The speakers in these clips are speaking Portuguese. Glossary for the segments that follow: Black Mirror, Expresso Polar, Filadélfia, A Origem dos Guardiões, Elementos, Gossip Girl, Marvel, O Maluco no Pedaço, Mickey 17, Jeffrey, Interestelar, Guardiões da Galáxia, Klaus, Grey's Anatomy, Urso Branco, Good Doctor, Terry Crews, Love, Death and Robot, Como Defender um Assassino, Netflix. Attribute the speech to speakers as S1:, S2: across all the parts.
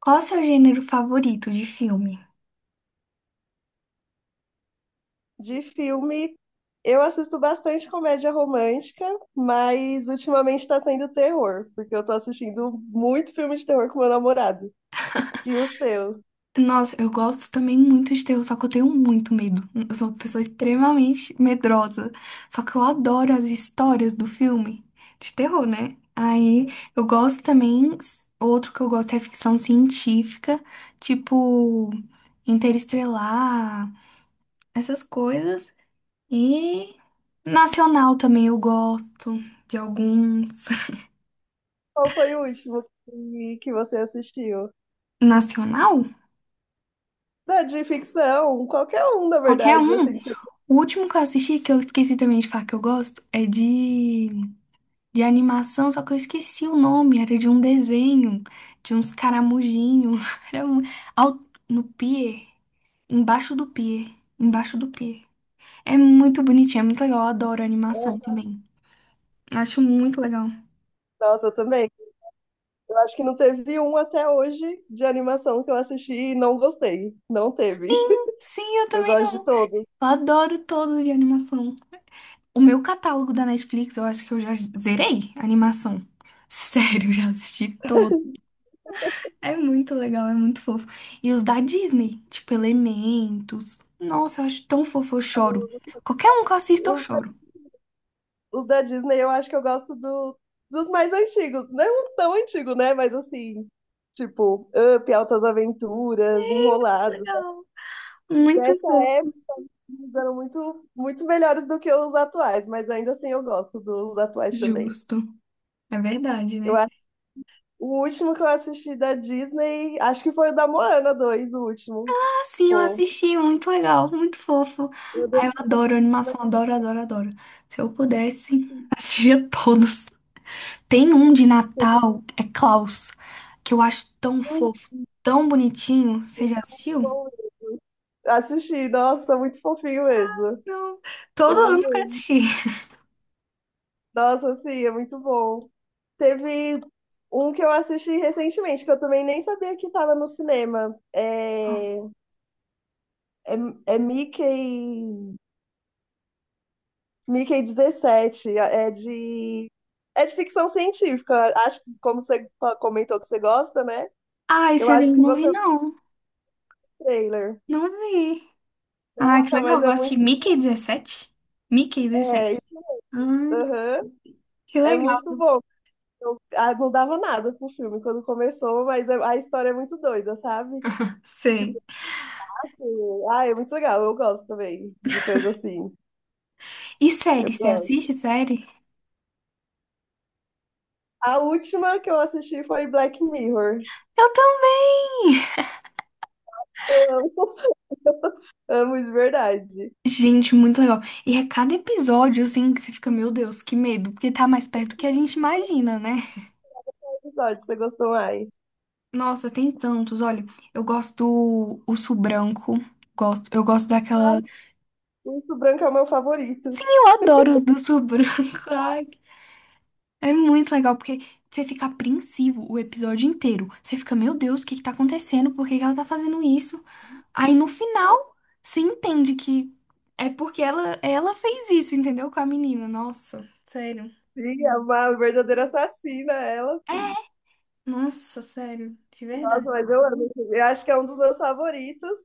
S1: Qual é o seu gênero favorito de filme?
S2: De filme, eu assisto bastante comédia romântica, mas ultimamente tá sendo terror, porque eu tô assistindo muito filme de terror com meu namorado. E o seu?
S1: Nossa, eu gosto também muito de terror, só que eu tenho muito medo. Eu sou uma pessoa extremamente medrosa. Só que eu adoro as histórias do filme de terror, né? Aí eu gosto também. Outro que eu gosto é ficção científica, tipo Interestelar, essas coisas. E nacional também eu gosto de alguns.
S2: Qual foi o último que você assistiu?
S1: Nacional?
S2: Da de ficção, qualquer um, na
S1: Qualquer
S2: verdade,
S1: um.
S2: assim, que você
S1: O último que eu assisti, que eu esqueci também de falar que eu gosto, é de animação, só que eu esqueci o nome, era de um desenho, de uns caramujinhos, era um, ao- no pier, embaixo do pier, embaixo do pier. É muito bonitinho, é muito legal, eu adoro animação
S2: quer.
S1: também. Acho muito legal.
S2: Nossa, eu também. Eu acho que não teve um até hoje de animação que eu assisti e não gostei. Não teve.
S1: Sim, sim, eu
S2: Eu
S1: também
S2: gosto
S1: não.
S2: de todos.
S1: Eu adoro todos de animação. O meu catálogo da Netflix, eu acho que eu já zerei a animação. Sério, eu já assisti. É muito legal, é muito fofo. E os da Disney, tipo Elementos. Nossa, eu acho tão fofo, eu choro. Qualquer um que eu assista, eu
S2: Os
S1: choro.
S2: os da Disney eu acho que eu gosto dos mais antigos. Não tão antigo, né? Mas assim, tipo, Up, Altas Aventuras,
S1: Que
S2: Enrolado.
S1: legal. Muito
S2: Dessa
S1: fofo.
S2: época eles eram muito, muito melhores do que os atuais, mas ainda assim eu gosto dos atuais também.
S1: Justo. É verdade,
S2: Eu
S1: né?
S2: acho o último que eu assisti da Disney, acho que foi o da Moana 2 o último.
S1: Ah, sim, eu
S2: Pô,
S1: assisti, muito legal, muito fofo.
S2: eu devo
S1: Ah, eu adoro
S2: dizer
S1: animação, adoro, adoro, adoro. Se eu pudesse,
S2: que
S1: assistia todos. Tem um de Natal, é Klaus, que eu acho tão
S2: é muito
S1: fofo, tão bonitinho. Você já assistiu?
S2: bom mesmo. Assisti, nossa, muito fofinho mesmo.
S1: Não. Todo
S2: Eu
S1: ano eu quero
S2: amei.
S1: assistir.
S2: Nossa, sim, é muito bom. Teve um que eu assisti recentemente, que eu também nem sabia que estava no cinema. É, é, Mickey 17, é de ficção científica. Acho que, como você comentou que você gosta, né?
S1: Ai,
S2: Eu
S1: esse
S2: acho
S1: anime eu
S2: que
S1: não
S2: você
S1: vi,
S2: viu
S1: não.
S2: o trailer.
S1: Não vi. Ah, que
S2: Nossa,
S1: legal.
S2: mas é
S1: Vou assistir
S2: muito.
S1: Mickey 17? Mickey
S2: É,
S1: 17. Hum,
S2: aham,
S1: que
S2: é
S1: legal.
S2: muito bom. Eu, não dava nada pro filme quando começou, mas a história é muito doida, sabe?
S1: Sei.
S2: Tipo, ah, é muito legal, eu gosto também de coisa assim.
S1: E
S2: Eu
S1: série? Você assiste
S2: gosto.
S1: série?
S2: A última que eu assisti foi Black Mirror.
S1: Eu também!
S2: Eu amo, amo de verdade.
S1: Gente, muito legal. E é cada episódio, assim, que você fica, meu Deus, que medo. Porque tá mais perto do que a gente imagina, né?
S2: Qual episódio você gostou mais?
S1: Nossa, tem tantos. Olha, eu gosto do Urso Branco. Gosto, eu gosto daquela.
S2: Muito Branco é o meu favorito.
S1: Sim, eu adoro o do Urso Branco. Ai, é muito legal, porque você fica apreensivo o episódio inteiro. Você fica, meu Deus, o que que tá acontecendo? Por que que ela tá fazendo isso? Aí no final, você entende que é porque ela fez isso, entendeu? Com a menina. Nossa, sério.
S2: Sim, é uma verdadeira assassina, ela,
S1: É,
S2: sim.
S1: nossa, sério, de
S2: Nossa,
S1: verdade.
S2: mas eu amo. Eu acho que é um dos meus favoritos.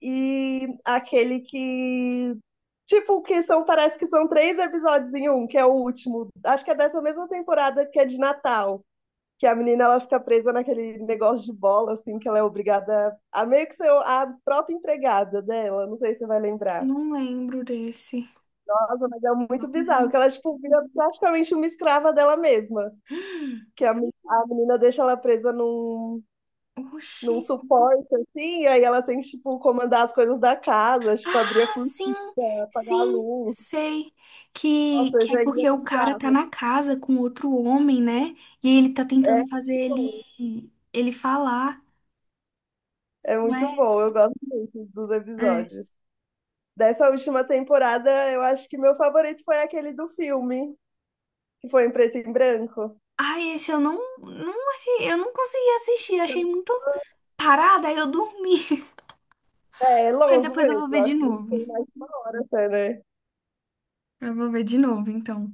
S2: E aquele que. Tipo, que são, parece que são três episódios em um, que é o último. Acho que é dessa mesma temporada que é de Natal. Que a menina ela fica presa naquele negócio de bola, assim, que ela é obrigada a meio que ser a própria empregada dela, não sei se você vai lembrar.
S1: Não lembro desse.
S2: Nossa, mas é
S1: Não
S2: muito bizarro, que
S1: lembro.
S2: ela, tipo, vira praticamente uma escrava dela mesma, que a menina deixa ela presa num,
S1: Oxi.
S2: num suporte, assim, e aí ela tem que, tipo, comandar as coisas da casa, tipo, abrir a
S1: Ah, sim,
S2: cortina, apagar a
S1: sim,
S2: luz.
S1: sei. Que,
S2: Nossa,
S1: que
S2: isso
S1: é
S2: aí
S1: porque o cara tá na casa com outro homem, né? E ele tá
S2: é
S1: tentando fazer ele, ele falar,
S2: é
S1: não
S2: muito
S1: é
S2: bom,
S1: essa?
S2: eu gosto muito dos
S1: É.
S2: episódios. Dessa última temporada, eu acho que meu favorito foi aquele do filme, que foi em preto e branco.
S1: Ai, esse eu não achei, eu não consegui assistir, achei muito parada, aí eu dormi.
S2: É, é
S1: Mas
S2: longo
S1: depois eu vou
S2: mesmo,
S1: ver de
S2: acho que
S1: novo.
S2: tem mais de uma hora até, né?
S1: Eu vou ver de novo, então.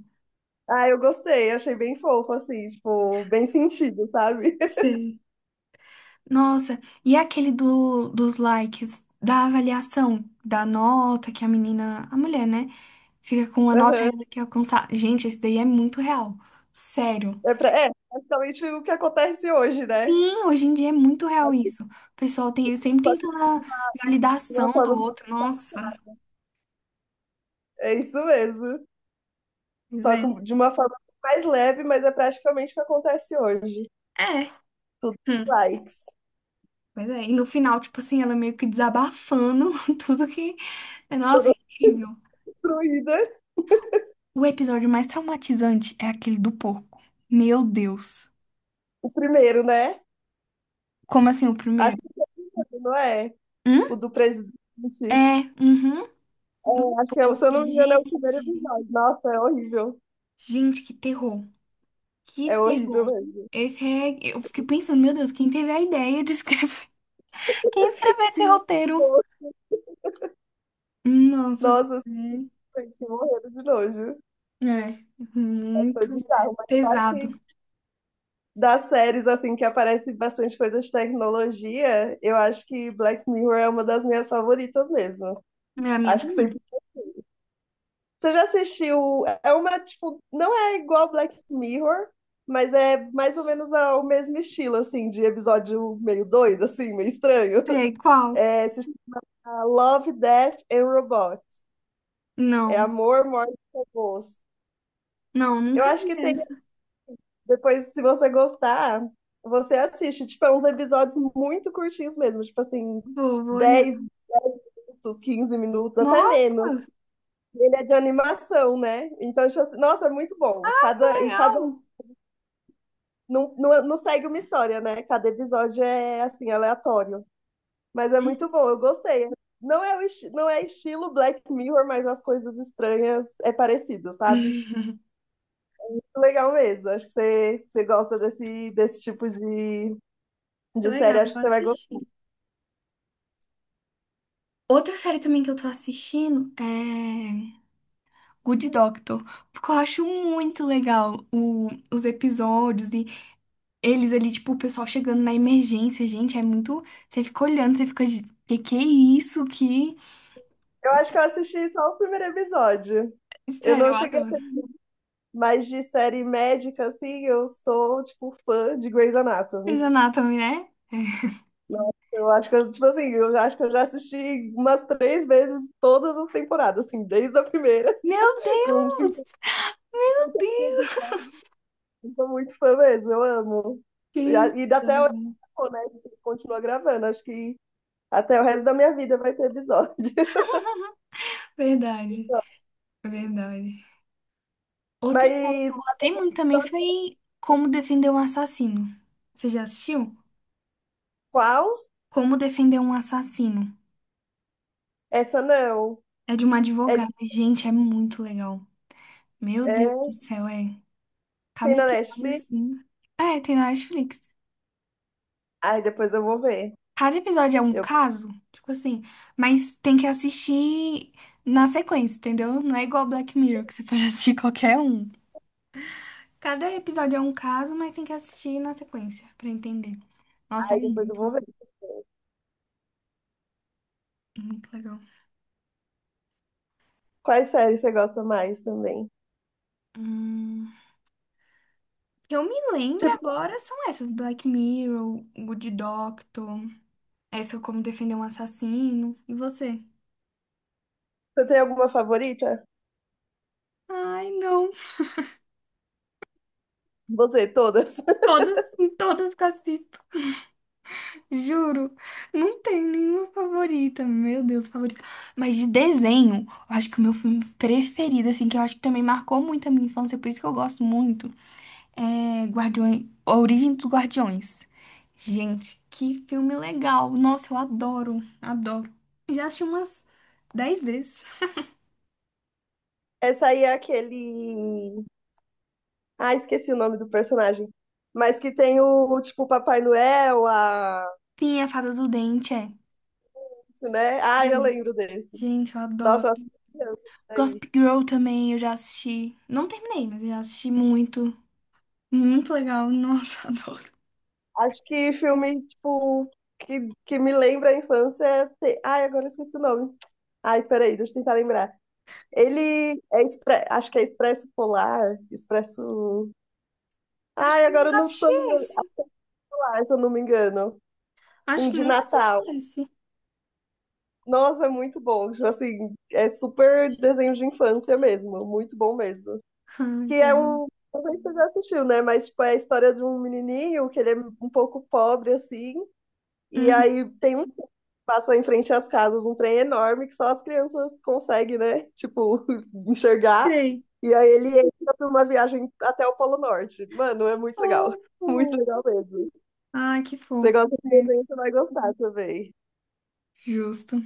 S2: Ah, eu gostei, achei bem fofo, assim, tipo, bem sentido, sabe?
S1: Sei. Nossa, e aquele do, dos likes, da avaliação, da nota que a menina, a mulher, né? Fica com a nota
S2: Aham.
S1: ela que alcançar. Gente, esse daí é muito real. Sério.
S2: É, praticamente o que acontece hoje, né?
S1: Sim, hoje em dia é muito real isso. O pessoal tem, sempre
S2: Só que
S1: tentando a
S2: de uma
S1: validação do
S2: forma.
S1: outro. Nossa.
S2: É isso mesmo.
S1: Pois
S2: Só
S1: é.
S2: de uma forma mais leve, mas é praticamente o que acontece hoje.
S1: É.
S2: Tudo
S1: Hum,
S2: likes,
S1: pois é. E no final, tipo assim, ela meio que desabafando tudo que. Nossa, é
S2: toda
S1: incrível.
S2: destruída.
S1: O episódio mais traumatizante é aquele do porco. Meu Deus.
S2: O primeiro, né?
S1: Como assim o
S2: Acho
S1: primeiro?
S2: que não é
S1: Hum?
S2: o do presidente.
S1: É, uhum. Do
S2: É, acho que,
S1: povo.
S2: se eu não me engano, é o
S1: Gente,
S2: primeiro episódio. Nossa, é horrível.
S1: gente, que terror. Que
S2: É horrível
S1: terror.
S2: mesmo.
S1: Esse é. Eu fiquei pensando, meu Deus, quem teve a ideia de escrever? Quem escreveu esse roteiro? Nossa,
S2: Nossa,
S1: é,
S2: gente, morrendo de nojo.
S1: é
S2: Foi
S1: muito
S2: bizarro, mas claro
S1: pesado.
S2: que das séries, assim, que aparece bastante coisa de tecnologia, eu acho que Black Mirror é uma das minhas favoritas mesmo.
S1: É a minha
S2: Acho que
S1: também.
S2: sempre. Você já assistiu. É uma, tipo, não é igual Black Mirror, mas é mais ou menos o mesmo estilo, assim, de episódio meio doido, assim, meio estranho.
S1: Sei qual?
S2: É, se Ah, Love, Death and Robot. É
S1: Não,
S2: Amor, Morte e Robôs.
S1: não,
S2: Eu
S1: nunca
S2: acho
S1: vi
S2: que tem.
S1: essa.
S2: Depois, se você gostar, você assiste. Tipo, é uns episódios muito curtinhos mesmo. Tipo assim,
S1: Vou olhar.
S2: 10 minutos, 15 minutos, até menos.
S1: Nossa,
S2: E ele é de animação, né? Então, tipo assim, nossa, é muito bom.
S1: que
S2: Cada, e cada.
S1: legal.
S2: Não, não, não segue uma história, né? Cada episódio é, assim, aleatório. Mas é muito bom, eu gostei. Não é, o não é estilo Black Mirror, mas as coisas estranhas é parecido, sabe? Legal mesmo. Acho que você gosta desse tipo de,
S1: Que
S2: de
S1: legal,
S2: série. Acho que
S1: vou
S2: você vai gostar.
S1: assistir. Outra série também que eu tô assistindo é. Good Doctor, porque eu acho muito legal o- os episódios e eles ali, tipo, o pessoal chegando na emergência, gente, é muito. Você fica olhando, você fica de. Que é isso? Que.
S2: Eu acho que eu assisti só o primeiro episódio. Eu
S1: Sério,
S2: não
S1: eu
S2: cheguei a
S1: adoro.
S2: ter mais de série médica, assim. Eu sou, tipo, fã de Grey's Anatomy.
S1: Grey's Anatomy, né?
S2: Eu acho que eu, tipo assim, eu acho que eu já assisti umas três vezes todas as temporadas, assim, desde a primeira,
S1: Meu
S2: com 50
S1: Deus!
S2: episódios. Eu sou muito fã mesmo, eu amo. E, a-
S1: Gente,
S2: e
S1: que
S2: até hoje,
S1: legal.
S2: né? A gente continua gravando. Acho que até o resto da minha vida vai ter episódio.
S1: Verdade, verdade. Outra série que
S2: Mas
S1: eu gostei muito também
S2: sabe
S1: foi Como Defender um Assassino. Você já assistiu?
S2: qual?
S1: Como Defender um Assassino.
S2: Essa não.
S1: É de uma
S2: É,
S1: advogada. Gente, é muito legal. Meu Deus
S2: é,
S1: do céu, é.
S2: tem
S1: Cada
S2: na
S1: episódio
S2: Netflix.
S1: assim. É, tem na Netflix.
S2: Ai, depois eu vou ver.
S1: Cada episódio é um
S2: Eu,
S1: caso, tipo assim, mas tem que assistir na sequência, entendeu? Não é igual Black Mirror, que você pode assistir qualquer um. Cada episódio é um caso, mas tem que assistir na sequência pra entender. Nossa, é
S2: ai, depois eu
S1: muito,
S2: vou ver.
S1: muito legal.
S2: Quais séries você gosta mais também?
S1: Hum, que eu me lembro
S2: Tipo,
S1: agora são essas: Black Mirror, Good Doctor, essa como defender um assassino. E você?
S2: você tem alguma favorita?
S1: Ai, não.
S2: Você, todas.
S1: Todas, todas que eu assisto, juro. Não tem nenhuma favorita. Meu Deus, favorita. Mas de desenho, eu acho que o meu filme preferido, assim, que eu acho que também marcou muito a minha infância, por isso que eu gosto muito, é Guardiões, A Origem dos Guardiões. Gente, que filme legal. Nossa, eu adoro, adoro. Já assisti umas 10 vezes.
S2: Essa aí é aquele. Ah, esqueci o nome do personagem. Mas que tem o, tipo, o Papai Noel, a.
S1: Sim, a Fada do Dente, é.
S2: Né? Ah, eu
S1: 10.
S2: lembro desse.
S1: Gente, eu adoro.
S2: Nossa, eu assisti criança, isso aí.
S1: Gossip Girl também, eu já assisti. Não terminei, mas eu já assisti muito. Muito legal. Nossa, adoro.
S2: Acho que filme, tipo, que me lembra a infância. Tem. Ai, agora eu esqueci o nome. Ai, peraí, deixa eu tentar lembrar. Acho que é Expresso Polar, Expresso.
S1: Acho
S2: Ai,
S1: que
S2: agora eu
S1: nunca
S2: não
S1: assisti
S2: tô lembrando
S1: esse.
S2: mais, se eu não me engano.
S1: Acho
S2: Um
S1: que
S2: de
S1: nunca assisti
S2: Natal.
S1: esse.
S2: Nossa, é muito bom. Tipo assim, é super desenho de infância mesmo. Muito bom mesmo.
S1: Ai,
S2: Que é
S1: velho.
S2: um. Não sei se você já assistiu, né? Mas, tipo, é a história de um menininho que ele é um pouco pobre, assim. E
S1: Uhum.
S2: aí tem um trem que passa em frente às casas, um trem enorme que só as crianças conseguem, né? Tipo, enxergar.
S1: Sei.
S2: E aí ele entra pra uma viagem até o Polo Norte. Mano, é muito legal.
S1: Fofo.
S2: Muito legal mesmo.
S1: Ai, que
S2: Você
S1: fofo.
S2: gosta de
S1: É,
S2: desenho, você vai gostar também.
S1: justo.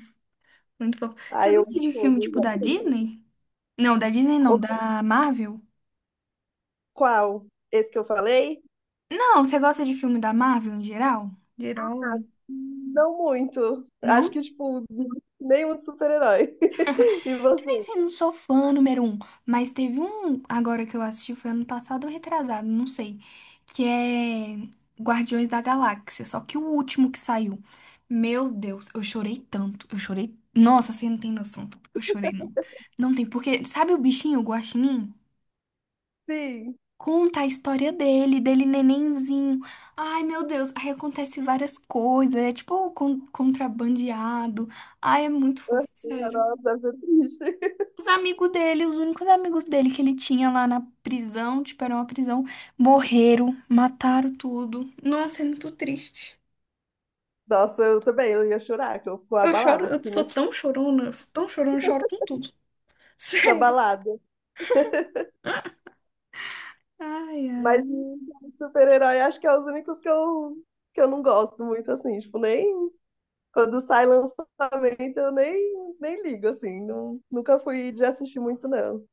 S1: Muito fofo. Você
S2: Aí eu
S1: gosta
S2: amo
S1: de filme
S2: todos.
S1: tipo da
S2: Absolutamente.
S1: Disney? Não, da Disney não,
S2: O-
S1: da Marvel?
S2: Qual? Esse que eu falei?
S1: Não, você gosta de filme da Marvel em geral? De herói?
S2: Não muito. Acho
S1: Não?
S2: que, tipo, nenhum de super-herói. E você?
S1: Assim, não sou fã número um, mas teve um agora que eu assisti, foi ano passado ou retrasado, não sei, que é Guardiões da Galáxia, só que o último que saiu. Meu Deus, eu chorei tanto, eu chorei. Nossa, você não tem noção, do tanto que eu chorei, não. Não tem, porque sabe o bichinho, o guaxinim?
S2: Sim.
S1: Conta a história dele, nenenzinho. Ai, meu Deus, aí acontece várias coisas, é tipo con- contrabandeado. Ai, é muito fofo, sério.
S2: Nossa, deve ser triste.
S1: Os amigos dele, os únicos amigos dele que ele tinha lá na prisão, tipo, era uma prisão, morreram, mataram tudo. Nossa, é muito triste.
S2: Nossa, eu também, eu ia chorar, que eu fico
S1: Eu choro,
S2: abalada, que
S1: eu
S2: o filme
S1: sou
S2: é
S1: tão chorona, eu sou tão chorona, eu choro com tudo. Sério.
S2: abalada.
S1: Ai,
S2: Mas
S1: ai.
S2: de super-herói, acho que é os únicos que eu não gosto muito, assim, tipo, nem quando sai lançamento, eu nem ligo, assim, não, nunca fui de assistir muito, não.